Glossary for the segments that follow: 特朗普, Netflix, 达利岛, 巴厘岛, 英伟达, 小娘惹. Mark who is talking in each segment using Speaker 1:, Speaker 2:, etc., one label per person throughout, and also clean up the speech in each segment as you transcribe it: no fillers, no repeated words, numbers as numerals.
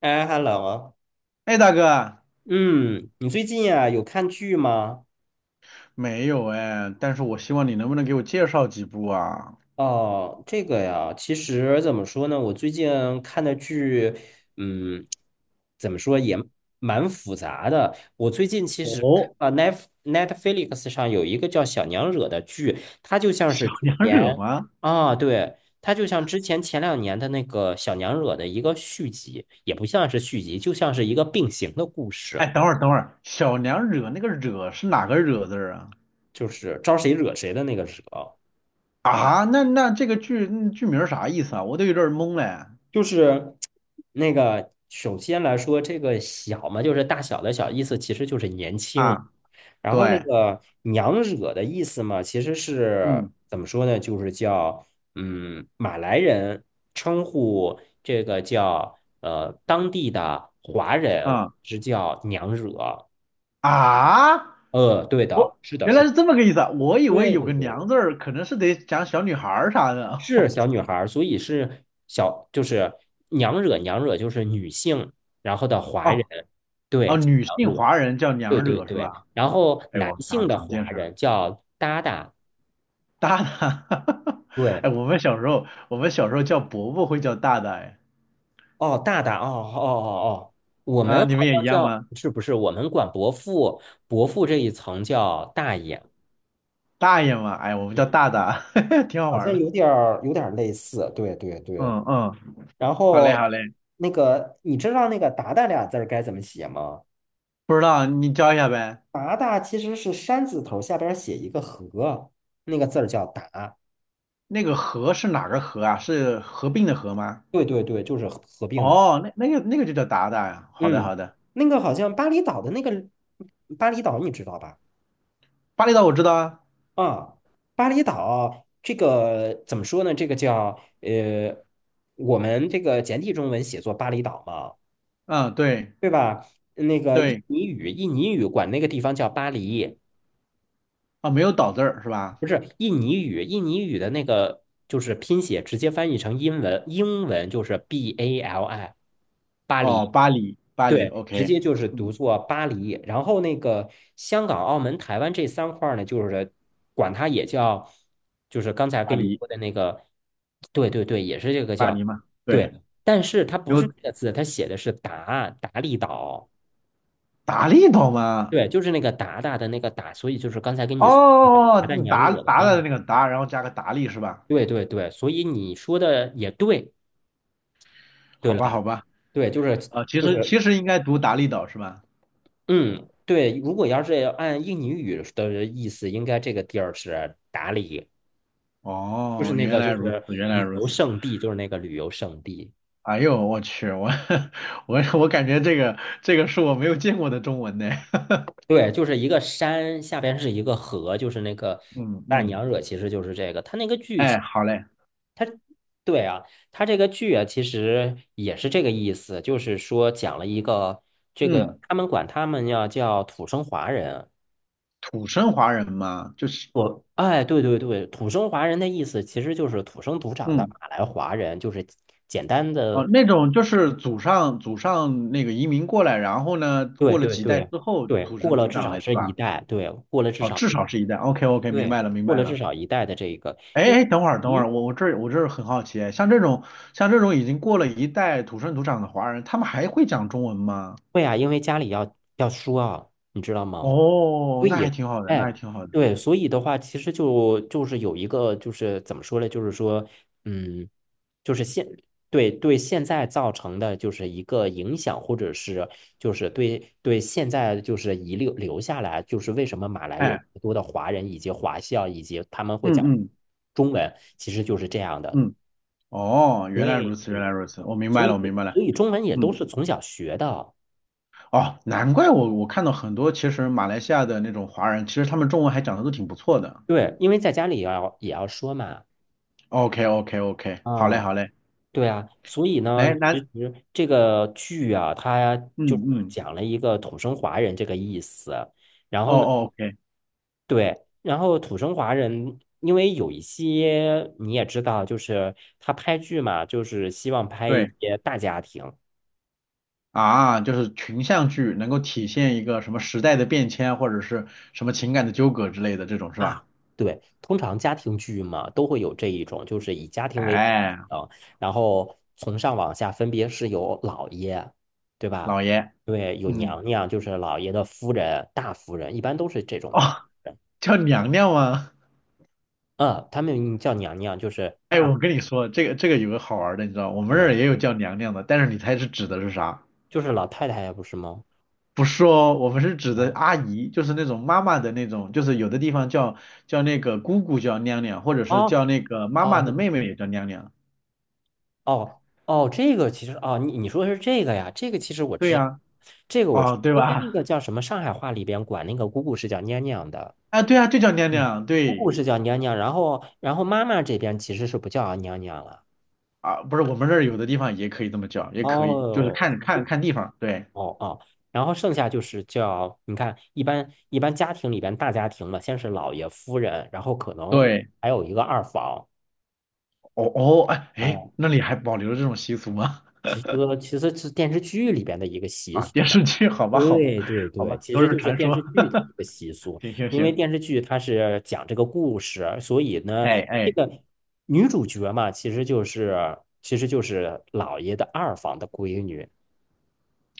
Speaker 1: 哎，hello，
Speaker 2: 哎，大哥，
Speaker 1: 嗯，你最近呀有看剧吗？
Speaker 2: 没有哎，但是我希望你能不能给我介绍几部啊？
Speaker 1: 哦，这个呀，其实怎么说呢，我最近看的剧，嗯，怎么说也蛮复杂的。我最近其实
Speaker 2: 哦，
Speaker 1: 啊，Netflix 上有一个叫《小娘惹》的剧，它就像是
Speaker 2: 小
Speaker 1: 之
Speaker 2: 娘惹
Speaker 1: 前
Speaker 2: 吗？
Speaker 1: 啊，对，它就像之前2年的那个《小娘惹》的一个续集，也不像是续集，就像是一个并行的故
Speaker 2: 哎，
Speaker 1: 事，
Speaker 2: 等会儿等会儿，小娘惹那个惹是哪个惹字儿啊？
Speaker 1: 就是招谁惹谁的那个惹。
Speaker 2: 啊，那这个剧名儿啥意思啊？我都有点儿懵嘞。
Speaker 1: 就是那个，首先来说，这个小嘛，就是大小的小，意思其实就是年轻。
Speaker 2: 啊，
Speaker 1: 然后那
Speaker 2: 对，
Speaker 1: 个娘惹的意思嘛，其实是
Speaker 2: 嗯
Speaker 1: 怎么说呢？就是叫马来人称呼这个叫当地的华人
Speaker 2: 啊
Speaker 1: 是叫娘惹。
Speaker 2: 啊，
Speaker 1: 对的，
Speaker 2: 我
Speaker 1: 是的，
Speaker 2: 原
Speaker 1: 是
Speaker 2: 来
Speaker 1: 的，
Speaker 2: 是这么个意思啊，我以为
Speaker 1: 对
Speaker 2: 有
Speaker 1: 对
Speaker 2: 个
Speaker 1: 对。
Speaker 2: 娘字儿，可能是得讲小女孩儿啥的。
Speaker 1: 是 小女孩儿，所以是小，就是娘惹娘惹就是女性，然后的华
Speaker 2: 哦
Speaker 1: 人，对，
Speaker 2: 哦，
Speaker 1: 叫
Speaker 2: 女
Speaker 1: 娘
Speaker 2: 性
Speaker 1: 惹，
Speaker 2: 华人叫
Speaker 1: 对
Speaker 2: 娘
Speaker 1: 对
Speaker 2: 惹是
Speaker 1: 对，
Speaker 2: 吧？
Speaker 1: 然后
Speaker 2: 哎
Speaker 1: 男
Speaker 2: 呦，
Speaker 1: 性
Speaker 2: 长
Speaker 1: 的
Speaker 2: 长见
Speaker 1: 华
Speaker 2: 识了。
Speaker 1: 人叫达达，
Speaker 2: 大大，
Speaker 1: 对，
Speaker 2: 哎，我们小时候叫伯伯会叫大大，哎，
Speaker 1: 哦，大大，哦哦哦哦，我们
Speaker 2: 啊，
Speaker 1: 好
Speaker 2: 你们也一
Speaker 1: 像
Speaker 2: 样
Speaker 1: 叫，
Speaker 2: 吗？
Speaker 1: 是不是我们管伯父这一层叫大爷，
Speaker 2: 大爷嘛，哎，我们叫
Speaker 1: 嗯，
Speaker 2: 大大，挺好
Speaker 1: 好
Speaker 2: 玩
Speaker 1: 像
Speaker 2: 的。
Speaker 1: 有点儿类似，对对对，
Speaker 2: 嗯嗯，
Speaker 1: 然
Speaker 2: 好嘞
Speaker 1: 后
Speaker 2: 好嘞，
Speaker 1: 那个你知道那个达达俩字儿该怎么写吗？
Speaker 2: 不知道你教一下呗。
Speaker 1: 八大其实是山字头下边写一个合，那个字儿叫达。
Speaker 2: 那个合是哪个合啊？是合并的合吗？
Speaker 1: 对对对，就是合并的。
Speaker 2: 哦，那那个就叫达达呀。好的
Speaker 1: 嗯，
Speaker 2: 好的，
Speaker 1: 那个好像巴厘岛的那个巴厘岛，你知道吧？
Speaker 2: 巴厘岛我知道啊。
Speaker 1: 啊，巴厘岛这个怎么说呢？这个叫我们这个简体中文写作巴厘岛嘛，
Speaker 2: 嗯，对
Speaker 1: 对吧？那个印
Speaker 2: 对，
Speaker 1: 尼语，印尼语管那个地方叫巴黎，
Speaker 2: 啊没有岛字儿是吧？
Speaker 1: 不是印尼语，印尼语的那个就是拼写直接翻译成英文，英文就是 BALI。巴
Speaker 2: 哦，
Speaker 1: 黎，
Speaker 2: 巴黎巴黎
Speaker 1: 对，直
Speaker 2: ，OK，
Speaker 1: 接就是读
Speaker 2: 嗯，
Speaker 1: 作巴黎。然后那个香港、澳门、台湾这三块儿呢，就是管它也叫，就是刚才
Speaker 2: 巴
Speaker 1: 跟你
Speaker 2: 黎
Speaker 1: 说的那个，对对对，也是这个
Speaker 2: 巴
Speaker 1: 叫，
Speaker 2: 黎嘛，对，
Speaker 1: 对，但是它不
Speaker 2: 没
Speaker 1: 是
Speaker 2: 有
Speaker 1: 这个字，它写的是达达利岛，
Speaker 2: 达利岛吗？
Speaker 1: 对，就是那个达达的那个达，所以就是刚才跟你说的那个
Speaker 2: 哦，
Speaker 1: 达达娘
Speaker 2: 达
Speaker 1: 惹的
Speaker 2: 达
Speaker 1: 那
Speaker 2: 的
Speaker 1: 个，
Speaker 2: 那个达，然后加个达利是吧？
Speaker 1: 对对对，所以你说的也对，对
Speaker 2: 好
Speaker 1: 了
Speaker 2: 吧，
Speaker 1: 吧？
Speaker 2: 好吧，
Speaker 1: 对，
Speaker 2: 啊，其
Speaker 1: 就
Speaker 2: 实
Speaker 1: 是
Speaker 2: 其实应该读达利岛是吧？
Speaker 1: 嗯，对，如果要是按印尼语的意思，应该这个地儿是达里，就是
Speaker 2: 哦，
Speaker 1: 那
Speaker 2: 原
Speaker 1: 个
Speaker 2: 来
Speaker 1: 就
Speaker 2: 如
Speaker 1: 是
Speaker 2: 此，原来
Speaker 1: 旅
Speaker 2: 如
Speaker 1: 游
Speaker 2: 此。
Speaker 1: 胜地，就是那个旅游胜地。
Speaker 2: 哎呦，我去，我 我感觉这个是我没有见过的中文呢。
Speaker 1: 对，就是一个山，下边是一个河，就是那个
Speaker 2: 嗯
Speaker 1: 大
Speaker 2: 嗯，
Speaker 1: 娘惹，其实就是这个。它那个剧情，
Speaker 2: 哎，好嘞，
Speaker 1: 对啊，它这个剧啊，其实也是这个意思，就是说讲了一个这个，
Speaker 2: 嗯，
Speaker 1: 他们管他们要叫土生华人。
Speaker 2: 土生华人嘛，就是
Speaker 1: 对对对，土生华人的意思其实就是土生土长的
Speaker 2: 嗯
Speaker 1: 马来华人，就是简单的，
Speaker 2: 哦，那种就是祖上那个移民过来，然后呢，
Speaker 1: 对
Speaker 2: 过了
Speaker 1: 对
Speaker 2: 几代
Speaker 1: 对
Speaker 2: 之后
Speaker 1: 对，
Speaker 2: 土
Speaker 1: 过
Speaker 2: 生
Speaker 1: 了
Speaker 2: 土
Speaker 1: 至
Speaker 2: 长了
Speaker 1: 少
Speaker 2: 是
Speaker 1: 是一
Speaker 2: 吧？
Speaker 1: 代，对，过了至
Speaker 2: 哦，
Speaker 1: 少
Speaker 2: 至
Speaker 1: 是，
Speaker 2: 少是一代。OK OK，明
Speaker 1: 对，
Speaker 2: 白了明
Speaker 1: 过
Speaker 2: 白
Speaker 1: 了至
Speaker 2: 了。
Speaker 1: 少一代的这一个，
Speaker 2: 哎
Speaker 1: 因
Speaker 2: 哎，等会儿等会
Speaker 1: 咦，
Speaker 2: 儿，我这儿很好奇哎，像这种已经过了一代土生土长的华人，他们还会讲中文吗？
Speaker 1: 会啊，因为家里要说啊，你知道吗？
Speaker 2: 哦，
Speaker 1: 所
Speaker 2: 那还
Speaker 1: 以，
Speaker 2: 挺好的，那
Speaker 1: 哎，
Speaker 2: 还挺好的。
Speaker 1: 对，所以的话，其实就是有一个，就是怎么说呢？就是说，嗯，就是现对对现在造成的就是一个影响，或者是就是对对现在就是遗留下来，就是为什么马来有那
Speaker 2: 哎，
Speaker 1: 么多的华人以及华校，以及他们会讲
Speaker 2: 嗯嗯
Speaker 1: 中文，其实就是这样的。
Speaker 2: 嗯，哦，原来如
Speaker 1: 对
Speaker 2: 此，
Speaker 1: 对，
Speaker 2: 原来如此，
Speaker 1: 对
Speaker 2: 我明
Speaker 1: 所
Speaker 2: 白了，
Speaker 1: 以
Speaker 2: 我明白了。
Speaker 1: 所以中文也都
Speaker 2: 嗯，
Speaker 1: 是从小学的，
Speaker 2: 哦，难怪我看到很多其实马来西亚的那种华人，其实他们中文还讲的都挺不错的。
Speaker 1: 对，因为在家里也要说嘛。
Speaker 2: OK OK OK，好嘞
Speaker 1: 啊。
Speaker 2: 好嘞，
Speaker 1: 对啊，所以呢，
Speaker 2: 来
Speaker 1: 其
Speaker 2: 那
Speaker 1: 实这个剧啊，它
Speaker 2: 嗯
Speaker 1: 就是
Speaker 2: 嗯，
Speaker 1: 讲了一个土生华人这个意思。然
Speaker 2: 哦
Speaker 1: 后呢，
Speaker 2: 哦 OK，
Speaker 1: 对，然后土生华人，因为有一些你也知道，就是他拍剧嘛，就是希望拍一
Speaker 2: 对。
Speaker 1: 些大家庭。
Speaker 2: 啊，就是群像剧能够体现一个什么时代的变迁，或者是什么情感的纠葛之类的这种是吧？
Speaker 1: 啊，对，通常家庭剧嘛，都会有这一种，就是以家庭为本
Speaker 2: 哎，
Speaker 1: 啊，然后从上往下分别是有老爷，对吧？
Speaker 2: 老爷，
Speaker 1: 对，有
Speaker 2: 嗯，
Speaker 1: 娘娘，就是老爷的夫人、大夫人，一般都是这种
Speaker 2: 哦，
Speaker 1: 大夫人。
Speaker 2: 叫娘娘吗？
Speaker 1: 嗯，他们叫娘娘，就是
Speaker 2: 哎，我跟你说，这个这个有个好玩的，你知道，我们
Speaker 1: 怎
Speaker 2: 这
Speaker 1: 么了？
Speaker 2: 儿也有叫娘娘的，但是你猜是指的是啥？
Speaker 1: 就是老太太呀，不是吗？
Speaker 2: 不是哦，我们是指的
Speaker 1: 啊，
Speaker 2: 阿姨，就是那种妈妈的那种，就是有的地方叫那个姑姑叫娘娘，或者是
Speaker 1: 哦
Speaker 2: 叫那个妈妈
Speaker 1: 哦
Speaker 2: 的妹妹也叫娘娘。
Speaker 1: 哦哦，这个其实哦，你说的是这个呀？这个其实我
Speaker 2: 对
Speaker 1: 知道，
Speaker 2: 呀，
Speaker 1: 这个我知
Speaker 2: 哦，
Speaker 1: 道，
Speaker 2: 对
Speaker 1: 因为那
Speaker 2: 吧？
Speaker 1: 个叫什么上海话里边管那个姑姑是叫娘娘的。
Speaker 2: 啊，对啊，就叫娘
Speaker 1: 嗯，
Speaker 2: 娘，
Speaker 1: 姑姑
Speaker 2: 对。
Speaker 1: 是叫娘娘，然后妈妈这边其实是不叫娘娘了。
Speaker 2: 啊，不是，我们这儿有的地方也可以这么叫，也可以，就是
Speaker 1: 哦，
Speaker 2: 看地方。对
Speaker 1: 哦哦，然后剩下就是叫，你看，一般家庭里边大家庭嘛，先是老爷夫人，然后可能
Speaker 2: 对，
Speaker 1: 还有一个二房。
Speaker 2: 哦哦，哎
Speaker 1: 哎呀，
Speaker 2: 哎，那里还保留着这种习俗吗？
Speaker 1: 其实其实是电视剧里边的一个 习
Speaker 2: 啊，
Speaker 1: 俗。
Speaker 2: 电视剧，好吧
Speaker 1: 对对
Speaker 2: 好
Speaker 1: 对，
Speaker 2: 吧，
Speaker 1: 其
Speaker 2: 都
Speaker 1: 实
Speaker 2: 是
Speaker 1: 就是
Speaker 2: 传
Speaker 1: 电
Speaker 2: 说。
Speaker 1: 视剧的一个习俗，
Speaker 2: 行行
Speaker 1: 因为
Speaker 2: 行，
Speaker 1: 电视剧它是讲这个故事，所以呢，
Speaker 2: 哎
Speaker 1: 这
Speaker 2: 哎，
Speaker 1: 个女主角嘛，其实就是老爷的二房的闺女。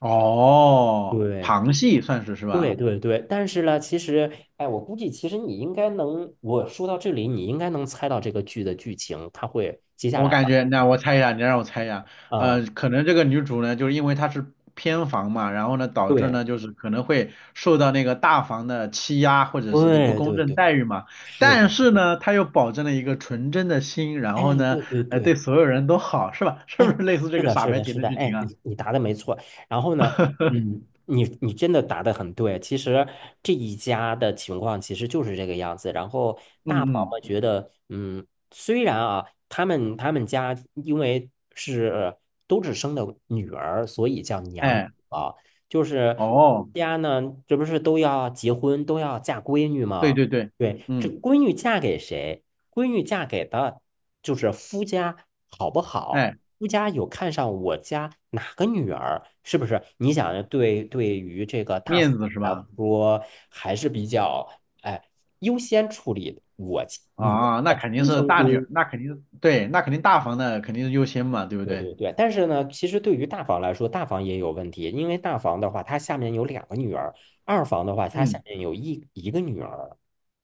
Speaker 2: 哦，
Speaker 1: 对
Speaker 2: 旁系算是是
Speaker 1: 对
Speaker 2: 吧？
Speaker 1: 对对，但是呢，其实哎，我估计其实你应该能，我说到这里，你应该能猜到这个剧的剧情，它会接下
Speaker 2: 我
Speaker 1: 来
Speaker 2: 感
Speaker 1: 发
Speaker 2: 觉，
Speaker 1: 生
Speaker 2: 那
Speaker 1: 什
Speaker 2: 我猜一下，
Speaker 1: 么啊？
Speaker 2: 呃，可能这个女主呢，就是因为她是偏房嘛，然后呢，导致
Speaker 1: 对
Speaker 2: 呢，就是可能会受到那个大房的欺压，或者是就不
Speaker 1: 对
Speaker 2: 公
Speaker 1: 对
Speaker 2: 正
Speaker 1: 对，
Speaker 2: 待遇嘛。
Speaker 1: 是的，
Speaker 2: 但是
Speaker 1: 是的
Speaker 2: 呢，她又保证了一个纯真的心，然后
Speaker 1: 哎，
Speaker 2: 呢，
Speaker 1: 对对
Speaker 2: 呃，
Speaker 1: 对。
Speaker 2: 对所有人都好，是吧？是不
Speaker 1: 哎，
Speaker 2: 是类似这
Speaker 1: 是
Speaker 2: 个
Speaker 1: 的，
Speaker 2: 傻
Speaker 1: 是
Speaker 2: 白
Speaker 1: 的，
Speaker 2: 甜
Speaker 1: 是
Speaker 2: 的
Speaker 1: 的，
Speaker 2: 剧情
Speaker 1: 哎，
Speaker 2: 啊？
Speaker 1: 你答的没错。然后呢，你真的答的很对。其实这一家的情况其实就是这个样子。然后大
Speaker 2: 嗯
Speaker 1: 房
Speaker 2: 嗯，
Speaker 1: 嘛，觉得，嗯，虽然啊，他们家因为是都只生的女儿，所以叫娘
Speaker 2: 哎，
Speaker 1: 啊，就是
Speaker 2: 哦，
Speaker 1: 家呢，这不是都要结婚，都要嫁闺女
Speaker 2: 对
Speaker 1: 吗？
Speaker 2: 对对，
Speaker 1: 对，这
Speaker 2: 嗯，
Speaker 1: 闺女嫁给谁？闺女嫁给的就是夫家好不好？
Speaker 2: 哎，
Speaker 1: 夫家有看上我家哪个女儿，是不是？你想，对对于这个大
Speaker 2: 面
Speaker 1: 夫
Speaker 2: 子是
Speaker 1: 来
Speaker 2: 吧？
Speaker 1: 说，还是比较哎优先处理我我
Speaker 2: 啊，那
Speaker 1: 的
Speaker 2: 肯定
Speaker 1: 亲
Speaker 2: 是
Speaker 1: 生
Speaker 2: 大
Speaker 1: 闺
Speaker 2: 女，
Speaker 1: 女
Speaker 2: 那肯定对，那肯定大房的肯定是优先嘛，对不
Speaker 1: 对
Speaker 2: 对？
Speaker 1: 对对，但是呢，其实对于大房来说，大房也有问题，因为大房的话，他下面有2个女儿；二房的话，他下
Speaker 2: 嗯。
Speaker 1: 面有一个女儿，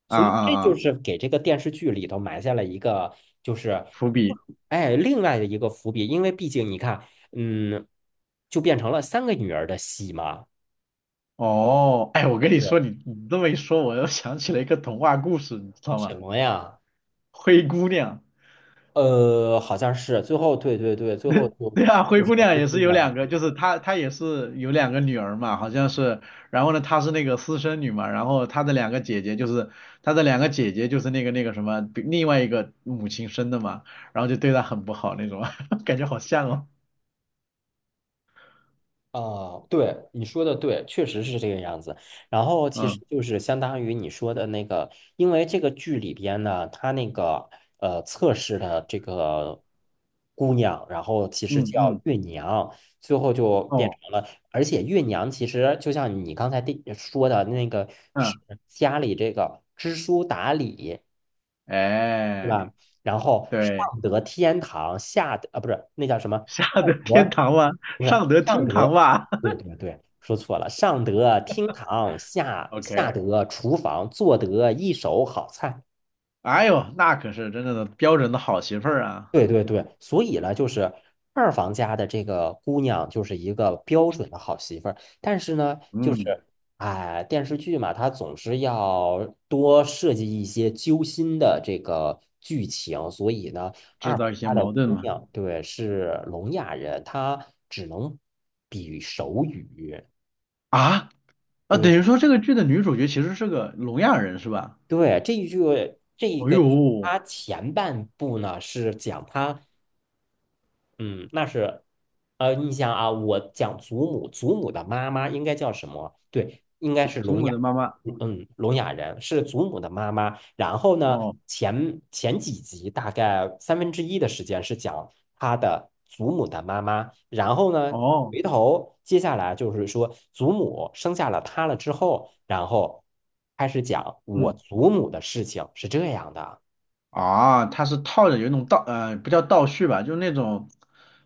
Speaker 2: 啊
Speaker 1: 所以
Speaker 2: 啊
Speaker 1: 这就
Speaker 2: 啊！
Speaker 1: 是给这个电视剧里头埋下了一个，就是
Speaker 2: 伏笔。
Speaker 1: 哎另外的一个伏笔，因为毕竟你看，嗯，就变成了3个女儿的戏嘛。
Speaker 2: 哦，哎，我跟你说，
Speaker 1: 对，
Speaker 2: 你你这么一说，我又想起了一个童话故事，你知道
Speaker 1: 什
Speaker 2: 吗？
Speaker 1: 么呀？
Speaker 2: 灰姑娘，
Speaker 1: 好像是最后，对对对，最后就
Speaker 2: 对啊，灰
Speaker 1: 就是
Speaker 2: 姑娘
Speaker 1: 灰
Speaker 2: 也
Speaker 1: 姑
Speaker 2: 是有
Speaker 1: 娘的
Speaker 2: 两个，
Speaker 1: 故
Speaker 2: 就是
Speaker 1: 事。
Speaker 2: 她也是有两个女儿嘛，好像是，然后呢，她是那个私生女嘛，然后她的两个姐姐就是那个什么，比另外一个母亲生的嘛，然后就对她很不好那种，感觉好像哦，
Speaker 1: 啊，对，你说的对，确实是这个样子。然后其
Speaker 2: 嗯
Speaker 1: 实就是相当于你说的那个，因为这个剧里边呢，它那个测试的这个姑娘，然后其实
Speaker 2: 嗯
Speaker 1: 叫
Speaker 2: 嗯，
Speaker 1: 月娘，最后就变成
Speaker 2: 哦，
Speaker 1: 了，而且月娘其实就像你刚才说的那个，是
Speaker 2: 嗯，
Speaker 1: 家里这个知书达理，对
Speaker 2: 哎，
Speaker 1: 吧？然后
Speaker 2: 对。
Speaker 1: 上得天堂，下得啊不是那叫什么？
Speaker 2: 下得天堂哇，
Speaker 1: 不
Speaker 2: 上
Speaker 1: 是
Speaker 2: 得
Speaker 1: 上
Speaker 2: 厅
Speaker 1: 得，
Speaker 2: 堂哇。
Speaker 1: 对 对对，说错了，上得厅堂，下下
Speaker 2: OK，
Speaker 1: 得厨房，做得一手好菜。
Speaker 2: 哎呦，那可是真正的标准的好媳妇儿啊，
Speaker 1: 对对对，所以呢，就是二房家的这个姑娘就是一个标准的好媳妇儿，但是呢，就
Speaker 2: 嗯，
Speaker 1: 是哎，电视剧嘛，它总是要多设计一些揪心的这个剧情，所以呢，二
Speaker 2: 制
Speaker 1: 房
Speaker 2: 造一些
Speaker 1: 家的
Speaker 2: 矛盾
Speaker 1: 姑
Speaker 2: 嘛。
Speaker 1: 娘对是聋哑人，她只能比手语。
Speaker 2: 啊啊，
Speaker 1: 对
Speaker 2: 等于说这个剧的女主角其实是个聋哑人是吧？
Speaker 1: 对，这一
Speaker 2: 哦
Speaker 1: 个，
Speaker 2: 呦，
Speaker 1: 它前半部呢是讲她嗯，那是，你想啊，我讲祖母，祖母的妈妈应该叫什么？对，应该是
Speaker 2: 祖
Speaker 1: 聋
Speaker 2: 母
Speaker 1: 哑，
Speaker 2: 的妈妈，
Speaker 1: 嗯，聋哑人是祖母的妈妈。然后呢，
Speaker 2: 哦
Speaker 1: 前几集大概三分之一的时间是讲他的祖母的妈妈。然后呢，
Speaker 2: 哦，
Speaker 1: 回头接下来就是说，祖母生下了他了之后，然后开始讲我
Speaker 2: 嗯
Speaker 1: 祖母的事情，是这样的。
Speaker 2: 啊，她是套着有一种倒呃，不叫倒叙吧，就是那种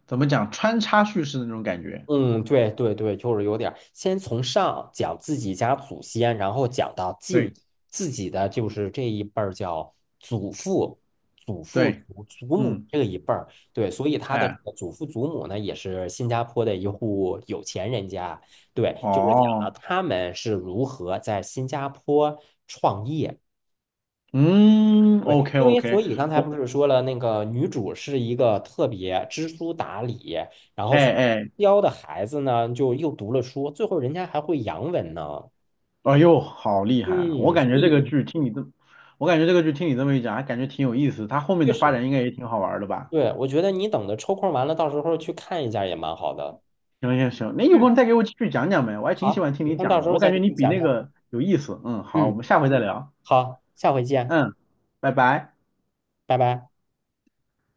Speaker 2: 怎么讲穿插叙事的那种感觉。
Speaker 1: 嗯，对对对，就是有点儿先从上讲自己家祖先，然后讲到近
Speaker 2: 对
Speaker 1: 自己的，就是这一辈儿叫祖父、祖父、
Speaker 2: 对，
Speaker 1: 祖母
Speaker 2: 嗯，
Speaker 1: 这一辈儿。对，所以他的这
Speaker 2: 哎，
Speaker 1: 个祖父祖母呢，也是新加坡的一户有钱人家。对，就是讲到
Speaker 2: 哦，
Speaker 1: 他们是如何在新加坡创业。
Speaker 2: 嗯
Speaker 1: 对，
Speaker 2: ，OK
Speaker 1: 因为所
Speaker 2: OK，
Speaker 1: 以刚才不
Speaker 2: 我
Speaker 1: 是说了，那个女主是一个特别知书达理，然后
Speaker 2: 哎哎
Speaker 1: 教的孩子呢，就又读了书，最后人家还会洋文呢。
Speaker 2: 哎呦，好厉害啊！
Speaker 1: 嗯，所以
Speaker 2: 我感觉这个剧听你这么一讲，还感觉挺有意思。它后面
Speaker 1: 确
Speaker 2: 的
Speaker 1: 实，
Speaker 2: 发展应该也挺好玩儿的吧？
Speaker 1: 对，我觉得你等着抽空完了，到时候去看一下也蛮好的。
Speaker 2: 行行行，那有
Speaker 1: 嗯，
Speaker 2: 空再给我继续讲讲呗，我还挺喜
Speaker 1: 好，
Speaker 2: 欢听
Speaker 1: 有
Speaker 2: 你
Speaker 1: 空到
Speaker 2: 讲
Speaker 1: 时
Speaker 2: 的，
Speaker 1: 候
Speaker 2: 我感
Speaker 1: 再
Speaker 2: 觉
Speaker 1: 给
Speaker 2: 你
Speaker 1: 你
Speaker 2: 比
Speaker 1: 讲
Speaker 2: 那
Speaker 1: 讲。
Speaker 2: 个有意思。嗯，好，我
Speaker 1: 嗯，
Speaker 2: 们下回再聊。
Speaker 1: 好，下回见，
Speaker 2: 嗯，拜拜。
Speaker 1: 拜拜。